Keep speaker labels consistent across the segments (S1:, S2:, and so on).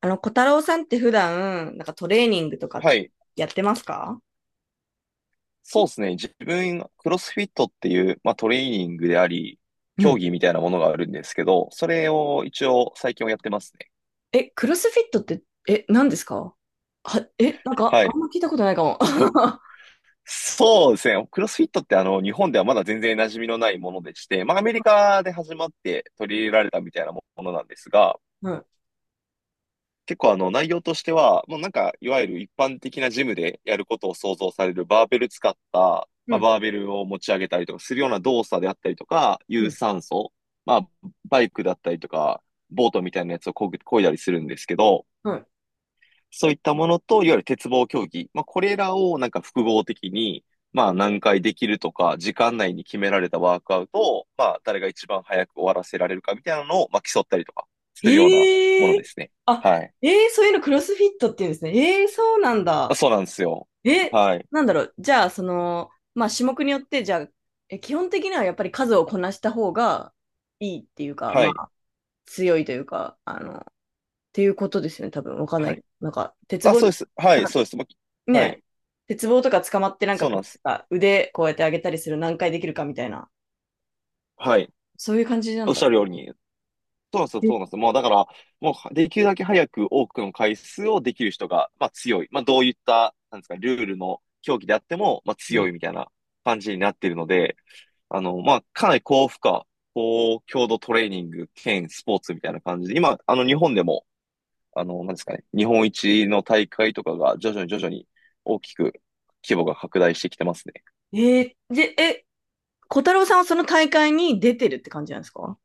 S1: 小太郎さんって普段、なんかトレーニングとか
S2: はい。
S1: やってますか？
S2: そうですね。自分、クロスフィットっていう、まあ、トレーニングであり、
S1: う
S2: 競
S1: ん。
S2: 技みたいなものがあるんですけど、それを一応最近はやってますね。
S1: え、クロスフィットって、何ですか？なんか、
S2: は
S1: あん
S2: い。
S1: ま聞いたことないかも。は
S2: そうですね。クロスフィットって日本ではまだ全然馴染みのないものでして、まあ、アメリカで始まって取り入れられたみたいなものなんですが、
S1: い。
S2: 結構内容としては、もうなんか、いわゆる一般的なジムでやることを想像されるバーベル使った、
S1: う
S2: まあ
S1: ん、
S2: バーベルを持ち上げたりとかするような動作であったりとか、
S1: う
S2: 有
S1: ん、
S2: 酸素、まあバイクだったりとか、ボートみたいなやつをこぐ、漕いだりするんですけど、
S1: は
S2: そういったものと、いわゆる鉄棒競技、まあこれらをなんか複合的に、まあ何回できるとか、時間内に決められたワークアウトを、まあ誰が一番早く終わらせられるかみたいなのを、まあ競ったりとか
S1: い。
S2: するようなものですね。
S1: あ、
S2: はい。
S1: そういうのクロスフィットって言うんですね。えー、そうなん
S2: あ、
S1: だ。
S2: そうなんですよ。
S1: え、
S2: はい。
S1: なんだろう。じゃあ、まあ、種目によって、じゃあ、基本的にはやっぱり数をこなした方がいいっていうか、
S2: は
S1: ま
S2: い。
S1: あ、強いというか、ていうことですよね、多分。わかんな
S2: はい。
S1: い。なんか、鉄
S2: あ、
S1: 棒、
S2: そうです。はい、
S1: なんか
S2: そうです。もう、はい。
S1: ね、鉄棒とか捕まってなんか
S2: そうなん
S1: こ
S2: で
S1: う
S2: す。
S1: さ、腕こうやって上げたりする何回できるかみたいな、
S2: はい。
S1: そういう感じな
S2: お
S1: ん
S2: っ
S1: だ。
S2: しゃるように。そうなんですよ、
S1: え、
S2: そうなんですよ。もうだから、もうできるだけ早く多くの回数をできる人が、まあ強い。まあどういった、なんですか、ルールの競技であっても、まあ
S1: う
S2: 強
S1: ん、
S2: いみたいな感じになっているので、まあかなり高負荷、高強度トレーニング兼スポーツみたいな感じで、今、日本でも、なんですかね、日本一の大会とかが徐々に徐々に大きく規模が拡大してきてますね。
S1: えーで、え、小太郎さんはその大会に出てるって感じなんですか？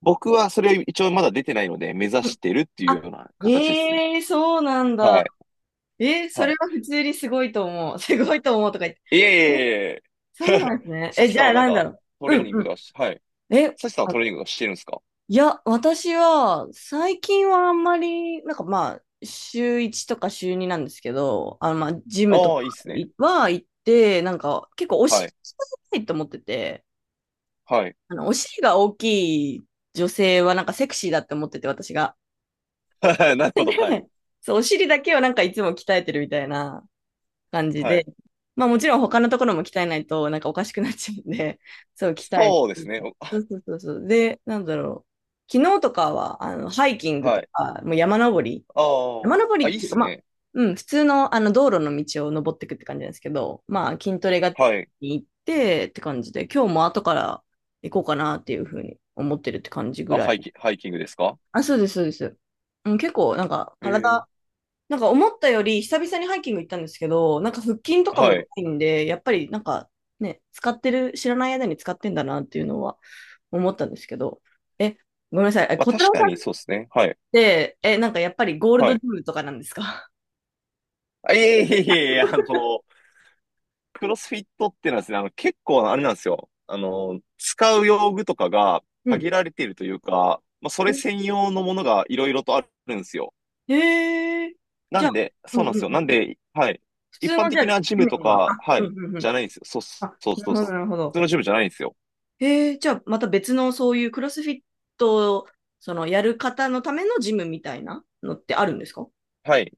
S2: 僕はそれは一応まだ出てないので、目指
S1: う
S2: し
S1: ん。
S2: てるっていう
S1: あ、
S2: ような形ですね。
S1: ええー、そうなんだ。
S2: はい。
S1: えー、それ
S2: は
S1: は普通にすごいと思う。すごいと思うとか言って。
S2: い。いえい
S1: え、
S2: えいえい
S1: そう
S2: え。
S1: なんです ね。
S2: サ
S1: え、
S2: チ
S1: じ
S2: さん
S1: ゃあ
S2: はなん
S1: なんだ
S2: か
S1: ろ
S2: ト
S1: う。う
S2: レー
S1: ん
S2: ニン
S1: う
S2: グとかし、
S1: ん。
S2: はい。
S1: え、
S2: サチさんは
S1: あ、
S2: トレーニングとかしてるんですか？
S1: いや、私は、最近はあんまり、なんかまあ、週1とか週2なんですけど、まあ、ジムと
S2: あ
S1: か
S2: あ、いいっすね。
S1: は行って、なんか、結構お
S2: は
S1: 尻
S2: い。
S1: 鍛えたいと思ってて、
S2: はい。
S1: お尻が大きい女性はなんかセクシーだって思ってて、私が。
S2: なるほど。はい。
S1: そう、お尻だけをなんかいつも鍛えてるみたいな感じ
S2: はい。
S1: で、まあもちろん他のところも鍛えないとなんかおかしくなっちゃうんで、そう、鍛えて
S2: そうで
S1: み
S2: すね。
S1: たい。
S2: お
S1: そうそうそうそう。で、なんだろう。昨日とかは、ハイキング
S2: は
S1: と
S2: い。
S1: か、もう山登り。
S2: あ
S1: 山
S2: あ。
S1: 登
S2: あ、
S1: りっ
S2: いいっ
S1: ていうか、
S2: す
S1: まあ、
S2: ね。
S1: うん、普通の、道路の道を登っていくって感じなんですけど、まあ、筋トレが
S2: はい。
S1: 行ってって感じで、今日も後から行こうかなっていうふうに思ってるって感じぐ
S2: あ、
S1: らい。
S2: ハイキングですか？
S1: あ、そうです、そうです。うん、結構、なんか、
S2: え
S1: 体、
S2: え。
S1: なんか思ったより久々にハイキング行ったんですけど、なんか腹筋とかも
S2: は
S1: い
S2: い。
S1: いんで、やっぱりなんかね、使ってる、知らない間に使ってんだなっていうのは思ったんですけど、え、ごめんなさい、え、
S2: まあ
S1: 小太
S2: 確
S1: 郎
S2: か
S1: さ
S2: に
S1: んっ
S2: そうですね。はい。
S1: て、なんかやっぱりゴール
S2: は
S1: ド
S2: い。
S1: ジムとかなんですか？
S2: あ、いえいえいえいえ、クロスフィットっていうのはですね、結構あれなんですよ。使う用具とかが
S1: うん。
S2: 限られているというか、まあ、それ
S1: え、
S2: 専用のものがいろいろとあるんですよ。
S1: へえ。
S2: な
S1: じゃあ、
S2: んで、
S1: うん
S2: そうなん
S1: うん
S2: ですよ。
S1: う
S2: な
S1: ん。
S2: んで、はい。
S1: 普
S2: 一
S1: 通
S2: 般
S1: のじゃあ、
S2: 的
S1: ジ
S2: なジム
S1: ム
S2: と
S1: には、
S2: か、
S1: あ、
S2: は
S1: うん
S2: い、
S1: うんう
S2: じ
S1: ん。
S2: ゃないんですよ。そう、
S1: あ、
S2: そう、
S1: なる
S2: そう、普
S1: ほど、なるほ
S2: 通
S1: ど。
S2: のジムじゃないんですよ。
S1: えー、じゃあまた別のそういうクロスフィットを、そのやる方のためのジムみたいなのってあるんですか？
S2: はい。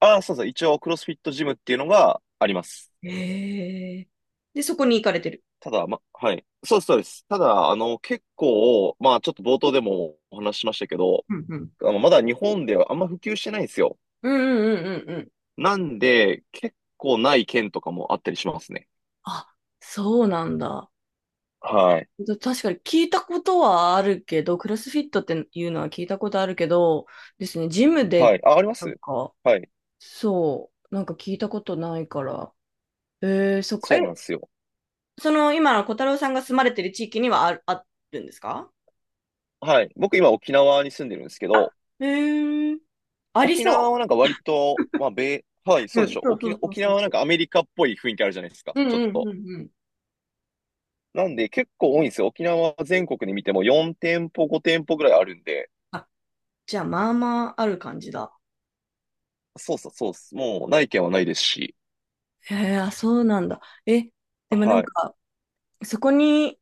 S2: ああ、そうそう。一応、クロスフィットジムっていうのがあります。
S1: ええ。で、そこに行かれてる。
S2: ただ、ま、はい。そうです、そうです。ただ、結構、まあ、ちょっと冒頭でもお話ししましたけど、
S1: うんうん。
S2: まだ日本ではあんま普及してないんですよ。
S1: うんうんうんうんうん。
S2: なんで、結構ない県とかもあったりしますね。
S1: あ、そうなんだ。
S2: はい。
S1: だ確かに聞いたことはあるけど、クロスフィットっていうのは聞いたことあるけど、ですね、ジム
S2: は
S1: で、
S2: い。あ、ありま
S1: なん
S2: す。
S1: か、
S2: はい。
S1: そう、なんか聞いたことないから。えー、そっか。
S2: そうなん
S1: え、
S2: ですよ。
S1: その、今の小太郎さんが住まれてる地域にはある、あるんですか？
S2: はい。僕今沖縄に住んでるんですけ
S1: あ、
S2: ど、
S1: えー、あり
S2: 沖縄
S1: そ
S2: はなんか割と、まあ、米、はい、
S1: う。
S2: そ
S1: う
S2: うでし
S1: ん、
S2: ょ。
S1: そうそうそう
S2: 沖
S1: そう
S2: 縄はなん
S1: そ
S2: かアメリカっぽい雰囲気あるじゃないですか。
S1: う。うん
S2: ちょっ
S1: うん
S2: と。
S1: うんうん。
S2: なんで結構多いんですよ。沖縄は全国で見ても4店舗、5店舗ぐらいあるんで、
S1: あ、じゃあ、まあまあある感じだ。
S2: そうそうそうっす。もうない県はないですし。
S1: へえ、あ、そうなんだ。え、でもな
S2: は
S1: ん
S2: い。
S1: か、そこに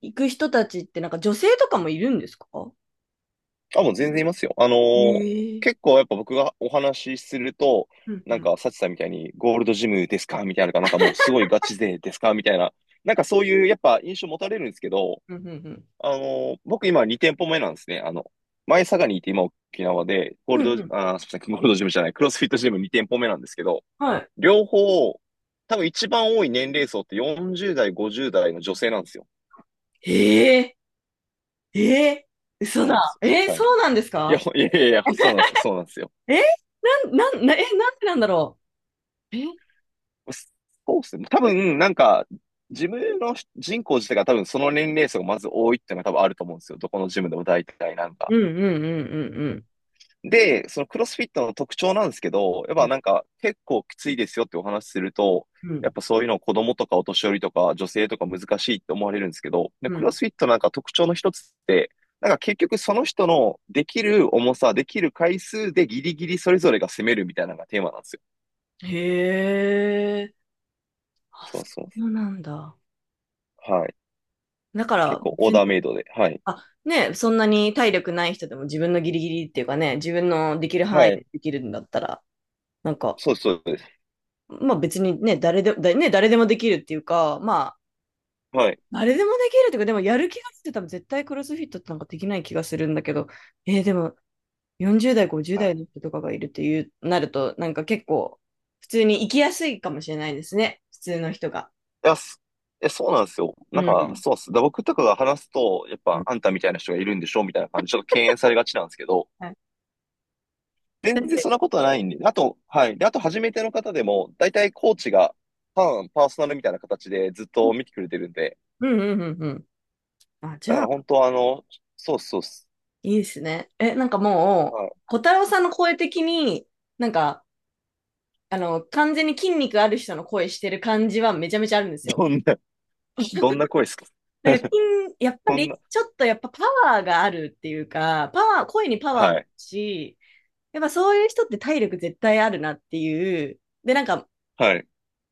S1: 行く人たちって、なんか女性とかもいるんですか？
S2: あ、もう全然いますよ。
S1: へえ。
S2: 結構やっぱ僕がお話しすると、
S1: うんう
S2: なん
S1: ん。
S2: か、サチさんみたいに、ゴールドジムですかみたいなのか、なんかもうすごいガチ勢ですかみたいな、なんかそういう、やっぱ印象持たれるんですけど、
S1: うんうんうん。
S2: あの僕今2店舗目なんですね。前佐賀にいて今沖縄で、ゴー
S1: う
S2: ル
S1: んうん。
S2: ド、あー、すみません、ゴールドジムじゃない、クロスフィットジム2店舗目なんですけど、
S1: はい。
S2: 両方、多分一番多い年齢層って40代、50代の女性なんですよ。
S1: へえ、ええ、
S2: そ
S1: 嘘
S2: うなんで
S1: だ。
S2: す。
S1: え、
S2: はい。
S1: そうなんです
S2: いや、
S1: か？
S2: いやいやいや、そうなんです、そうなんですよ。
S1: え、なんでなんだろう。え、
S2: そうですね。多分、なんか、自分の人口自体が多分その年齢層がまず多いっていうのが多分あると思うんですよ。どこのジムでも大体なんか。
S1: うんうんうんうん
S2: で、そのクロスフィットの特徴なんですけど、やっ
S1: うんう
S2: ぱ
S1: ん。
S2: なんか結構きついですよってお話しすると、
S1: う
S2: やっ
S1: ん
S2: ぱそういうのを子供とかお年寄りとか女性とか難しいって思われるんですけど、で
S1: う
S2: クロ
S1: ん。
S2: スフィットなんか特徴の一つって、なんか結局その人のできる重さ、できる回数でギリギリそれぞれが攻めるみたいなのがテーマなんですよ。
S1: へえ、あ、
S2: そう
S1: そ
S2: そ
S1: うなんだ。
S2: う。はい。
S1: だか
S2: 結
S1: ら、
S2: 構オ
S1: 別、
S2: ーダーメイドで。はい。
S1: あ、ね、そんなに体力ない人でも自分のギリギリっていうかね、自分のできる範
S2: は
S1: 囲
S2: い。
S1: でできるんだったら、なんか、
S2: そうです、そうです。
S1: まあ別にね、誰でも、だね、誰でもできるっていうか、まあ、
S2: はい。
S1: 誰でもできるっていうか、でもやる気がして多分絶対クロスフィットってなんかできない気がするんだけど、えーでも40代、50
S2: はい。
S1: 代の人とかがいるっていう、なると、なんか結構、普通に生きやすいかもしれないですね、普通の人が。
S2: いや、すえ、そうなんですよ。なん
S1: う
S2: か、
S1: ん。
S2: そうっす。だ僕とかが話すと、やっ
S1: う
S2: ぱ、
S1: ん。
S2: あんたみたいな人がいるんでしょみたいな感じで、ちょっと敬遠されがちなんですけど、
S1: はい。だっ
S2: 全然
S1: て。
S2: そんなことはないんで、あと、はい。で、あと、初めての方でも、大体コーチが、パーソナルみたいな形でずっと見てくれてるんで、
S1: うんうんうんうん。あ、じ
S2: だか
S1: ゃ
S2: ら
S1: あ、
S2: 本当は、あの、そうっす、そうっす。
S1: いいですね。え、なんかも
S2: はい。
S1: う、小太郎さんの声的に、なんか、完全に筋肉ある人の声してる感じはめちゃめちゃあるんですよ。
S2: どんな、どんな声ですか？
S1: なんか筋、やっぱ
S2: そん
S1: り、
S2: な、
S1: ちょっとやっぱパワーがあるっていうか、パワー、声にパワー
S2: は
S1: もある
S2: い。
S1: し、やっぱそういう人って体力絶対あるなっていう。で、なんか、
S2: はい。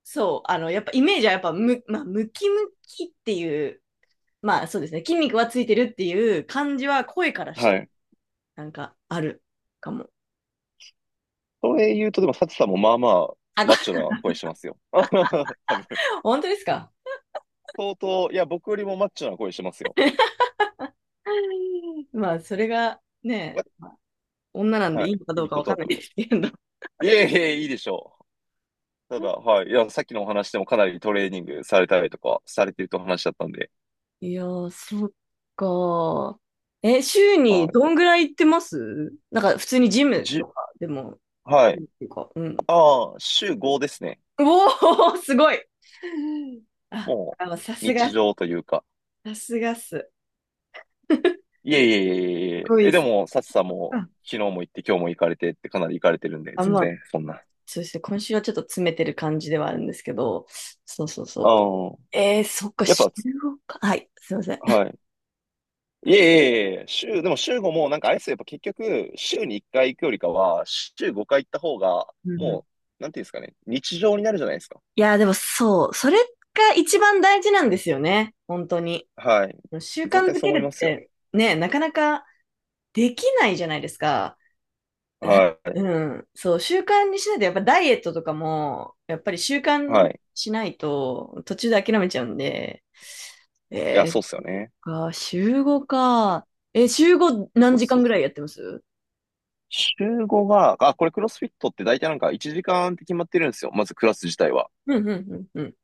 S1: そう、やっぱイメージはやっぱむ、まあ、ムキムキっていう、まあそうですね、筋肉はついてるっていう感じは声からし
S2: は
S1: て、
S2: い。
S1: なんかあるかも。
S2: それ言うと、でも、サチさんもまあまあ、
S1: あ、こ
S2: マッチョ
S1: れ、
S2: な声してますよ。多分。
S1: 本当ですか？
S2: 相当、いや、僕よりもマッチョな声してますよ。
S1: まあ、それがね、女なんで
S2: は
S1: いい
S2: い。
S1: のか
S2: い
S1: どう
S2: い
S1: か
S2: こ
S1: わ
S2: と
S1: か
S2: だ
S1: んな
S2: と
S1: い
S2: 思
S1: ですけど。
S2: う。いえいえ、いいでしょう。ただ、はい。いや、さっきのお話でもかなりトレーニングされたりとか、されてると話だったんで。
S1: いやー、そっか。え、週に
S2: は
S1: ど
S2: い。
S1: んぐらい行ってます、なんか、普通にジム
S2: じ
S1: と
S2: ゅ、
S1: かでも、っ
S2: はい。
S1: ていうか、うん。
S2: ああ、週5ですね。
S1: おお、すごい。あ、
S2: も
S1: さ
S2: う、
S1: す
S2: 日
S1: が、
S2: 常というか。
S1: さすがっす。
S2: いえいえいえいえ
S1: す
S2: いえ。
S1: ごい
S2: え、
S1: っ
S2: で
S1: す。
S2: も、サチさんも、
S1: あ、
S2: 昨日も行って、今日も行かれてってかなり行かれてるんで、
S1: あ、
S2: 全
S1: まあ、
S2: 然、そんな。あ
S1: そうですね。今週はちょっと詰めてる感じではあるんですけど、そうそうそう。
S2: あ、
S1: えー、そっか、
S2: やっ
S1: 週
S2: ぱ、
S1: ごか。はい、すいません。
S2: はい。いえいえいえ、週、でも週5もなんかあれですよ、やっぱ結局、週に1回行くよりかは、週5回行った方が、
S1: うんうん。
S2: もう、なんていうんですかね、日常になるじゃないですか。
S1: いや、でもそう、それが一番大事なんですよね。本当に。
S2: はい。
S1: 習
S2: 絶
S1: 慣
S2: 対
S1: づ
S2: そう
S1: け
S2: 思い
S1: る
S2: ま
S1: っ
S2: すよ。
S1: て、ね、なかなかできないじゃないですか。
S2: は
S1: うん。そう、習慣にしないと、やっぱダイエットとかも、やっぱり習
S2: い。
S1: 慣
S2: はい。い
S1: しないと、途中で諦めちゃうんで、
S2: や、
S1: えー、
S2: そうっすよね。
S1: か、週5か。え、週5
S2: そ
S1: 何
S2: う
S1: 時
S2: そ
S1: 間
S2: う。
S1: ぐらいやってます？
S2: 週5が、あ、これクロスフィットって大体なんか1時間って決まってるんですよ。まずクラス自体は。
S1: うんうんうんうん。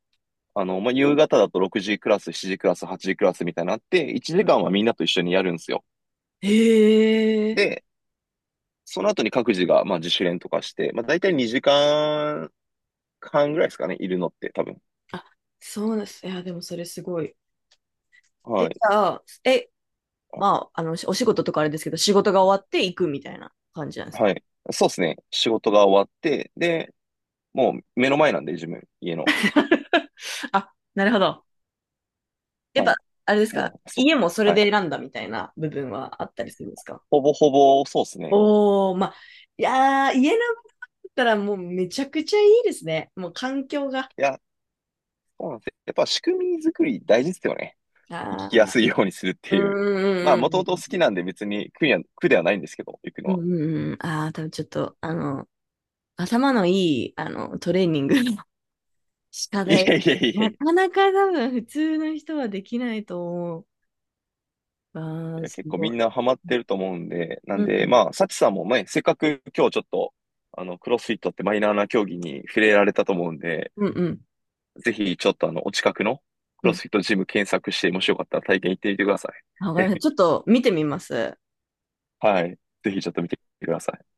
S2: まあ、夕方だと6時クラス、7時クラス、8時クラスみたいになのあって、1
S1: うん、
S2: 時間はみんなと一緒にやるんですよ。
S1: へえ。
S2: で、その後に各自が、まあ、自主練とかして、まあ、大体2時半ぐらいですかね、いるのって多分。
S1: あ、そうなんです。いや、でもそれすごい。え、
S2: は
S1: じ
S2: い。
S1: ゃあ、え、
S2: あ
S1: まあ、お仕事とかあれですけど、仕事が終わって行くみたいな感じなんです
S2: は
S1: か？
S2: い。そうですね。仕事が終わって、で、もう目の前なんで、自分、家の。
S1: あ、なるほど。やっ
S2: は
S1: ぱ、あれです
S2: い。
S1: か、
S2: もう、そ
S1: 家
S2: う。
S1: もそれ
S2: はい。
S1: で選んだみたいな部分はあったりするんですか？
S2: ほぼほぼ、そうですね。
S1: おー、まあ、いやー、家なんだったらもうめちゃくちゃいいですね。もう環境が。
S2: いや、そうなんですよ。やっぱ仕組み作り大事ですよね。生きや
S1: あ
S2: すいようにするっ
S1: ー、
S2: て
S1: う
S2: いう。ま
S1: ん
S2: あ、
S1: うん
S2: も
S1: うん
S2: ともと好き
S1: うん。
S2: なんで別に苦には、苦ではないんですけど、行くの
S1: うん
S2: は。
S1: うんうん。ああ多分ちょっと、頭のいい、トレーニングの 仕
S2: い
S1: 方、
S2: やいやいや
S1: な
S2: いや。
S1: かなか多分普通の人はできないと思う。あ
S2: い
S1: あ、
S2: や、
S1: す
S2: 結構
S1: ご
S2: み
S1: い。
S2: んなハマってると思うんで、な
S1: う
S2: ん
S1: んう
S2: で、
S1: ん
S2: まあ、サチさんもね、せっかく今日ちょっと、クロスフィットってマイナーな競技に触れられたと思うんで、
S1: うんうん。
S2: ぜひ、ちょっとあの、お近くの
S1: う
S2: クロ
S1: ん。
S2: スフィットジム検索して、もしよかったら体験行ってみてくださ
S1: わかり
S2: い。
S1: ました。ちょっ と見てみます。
S2: はい。ぜひちょっと見てください。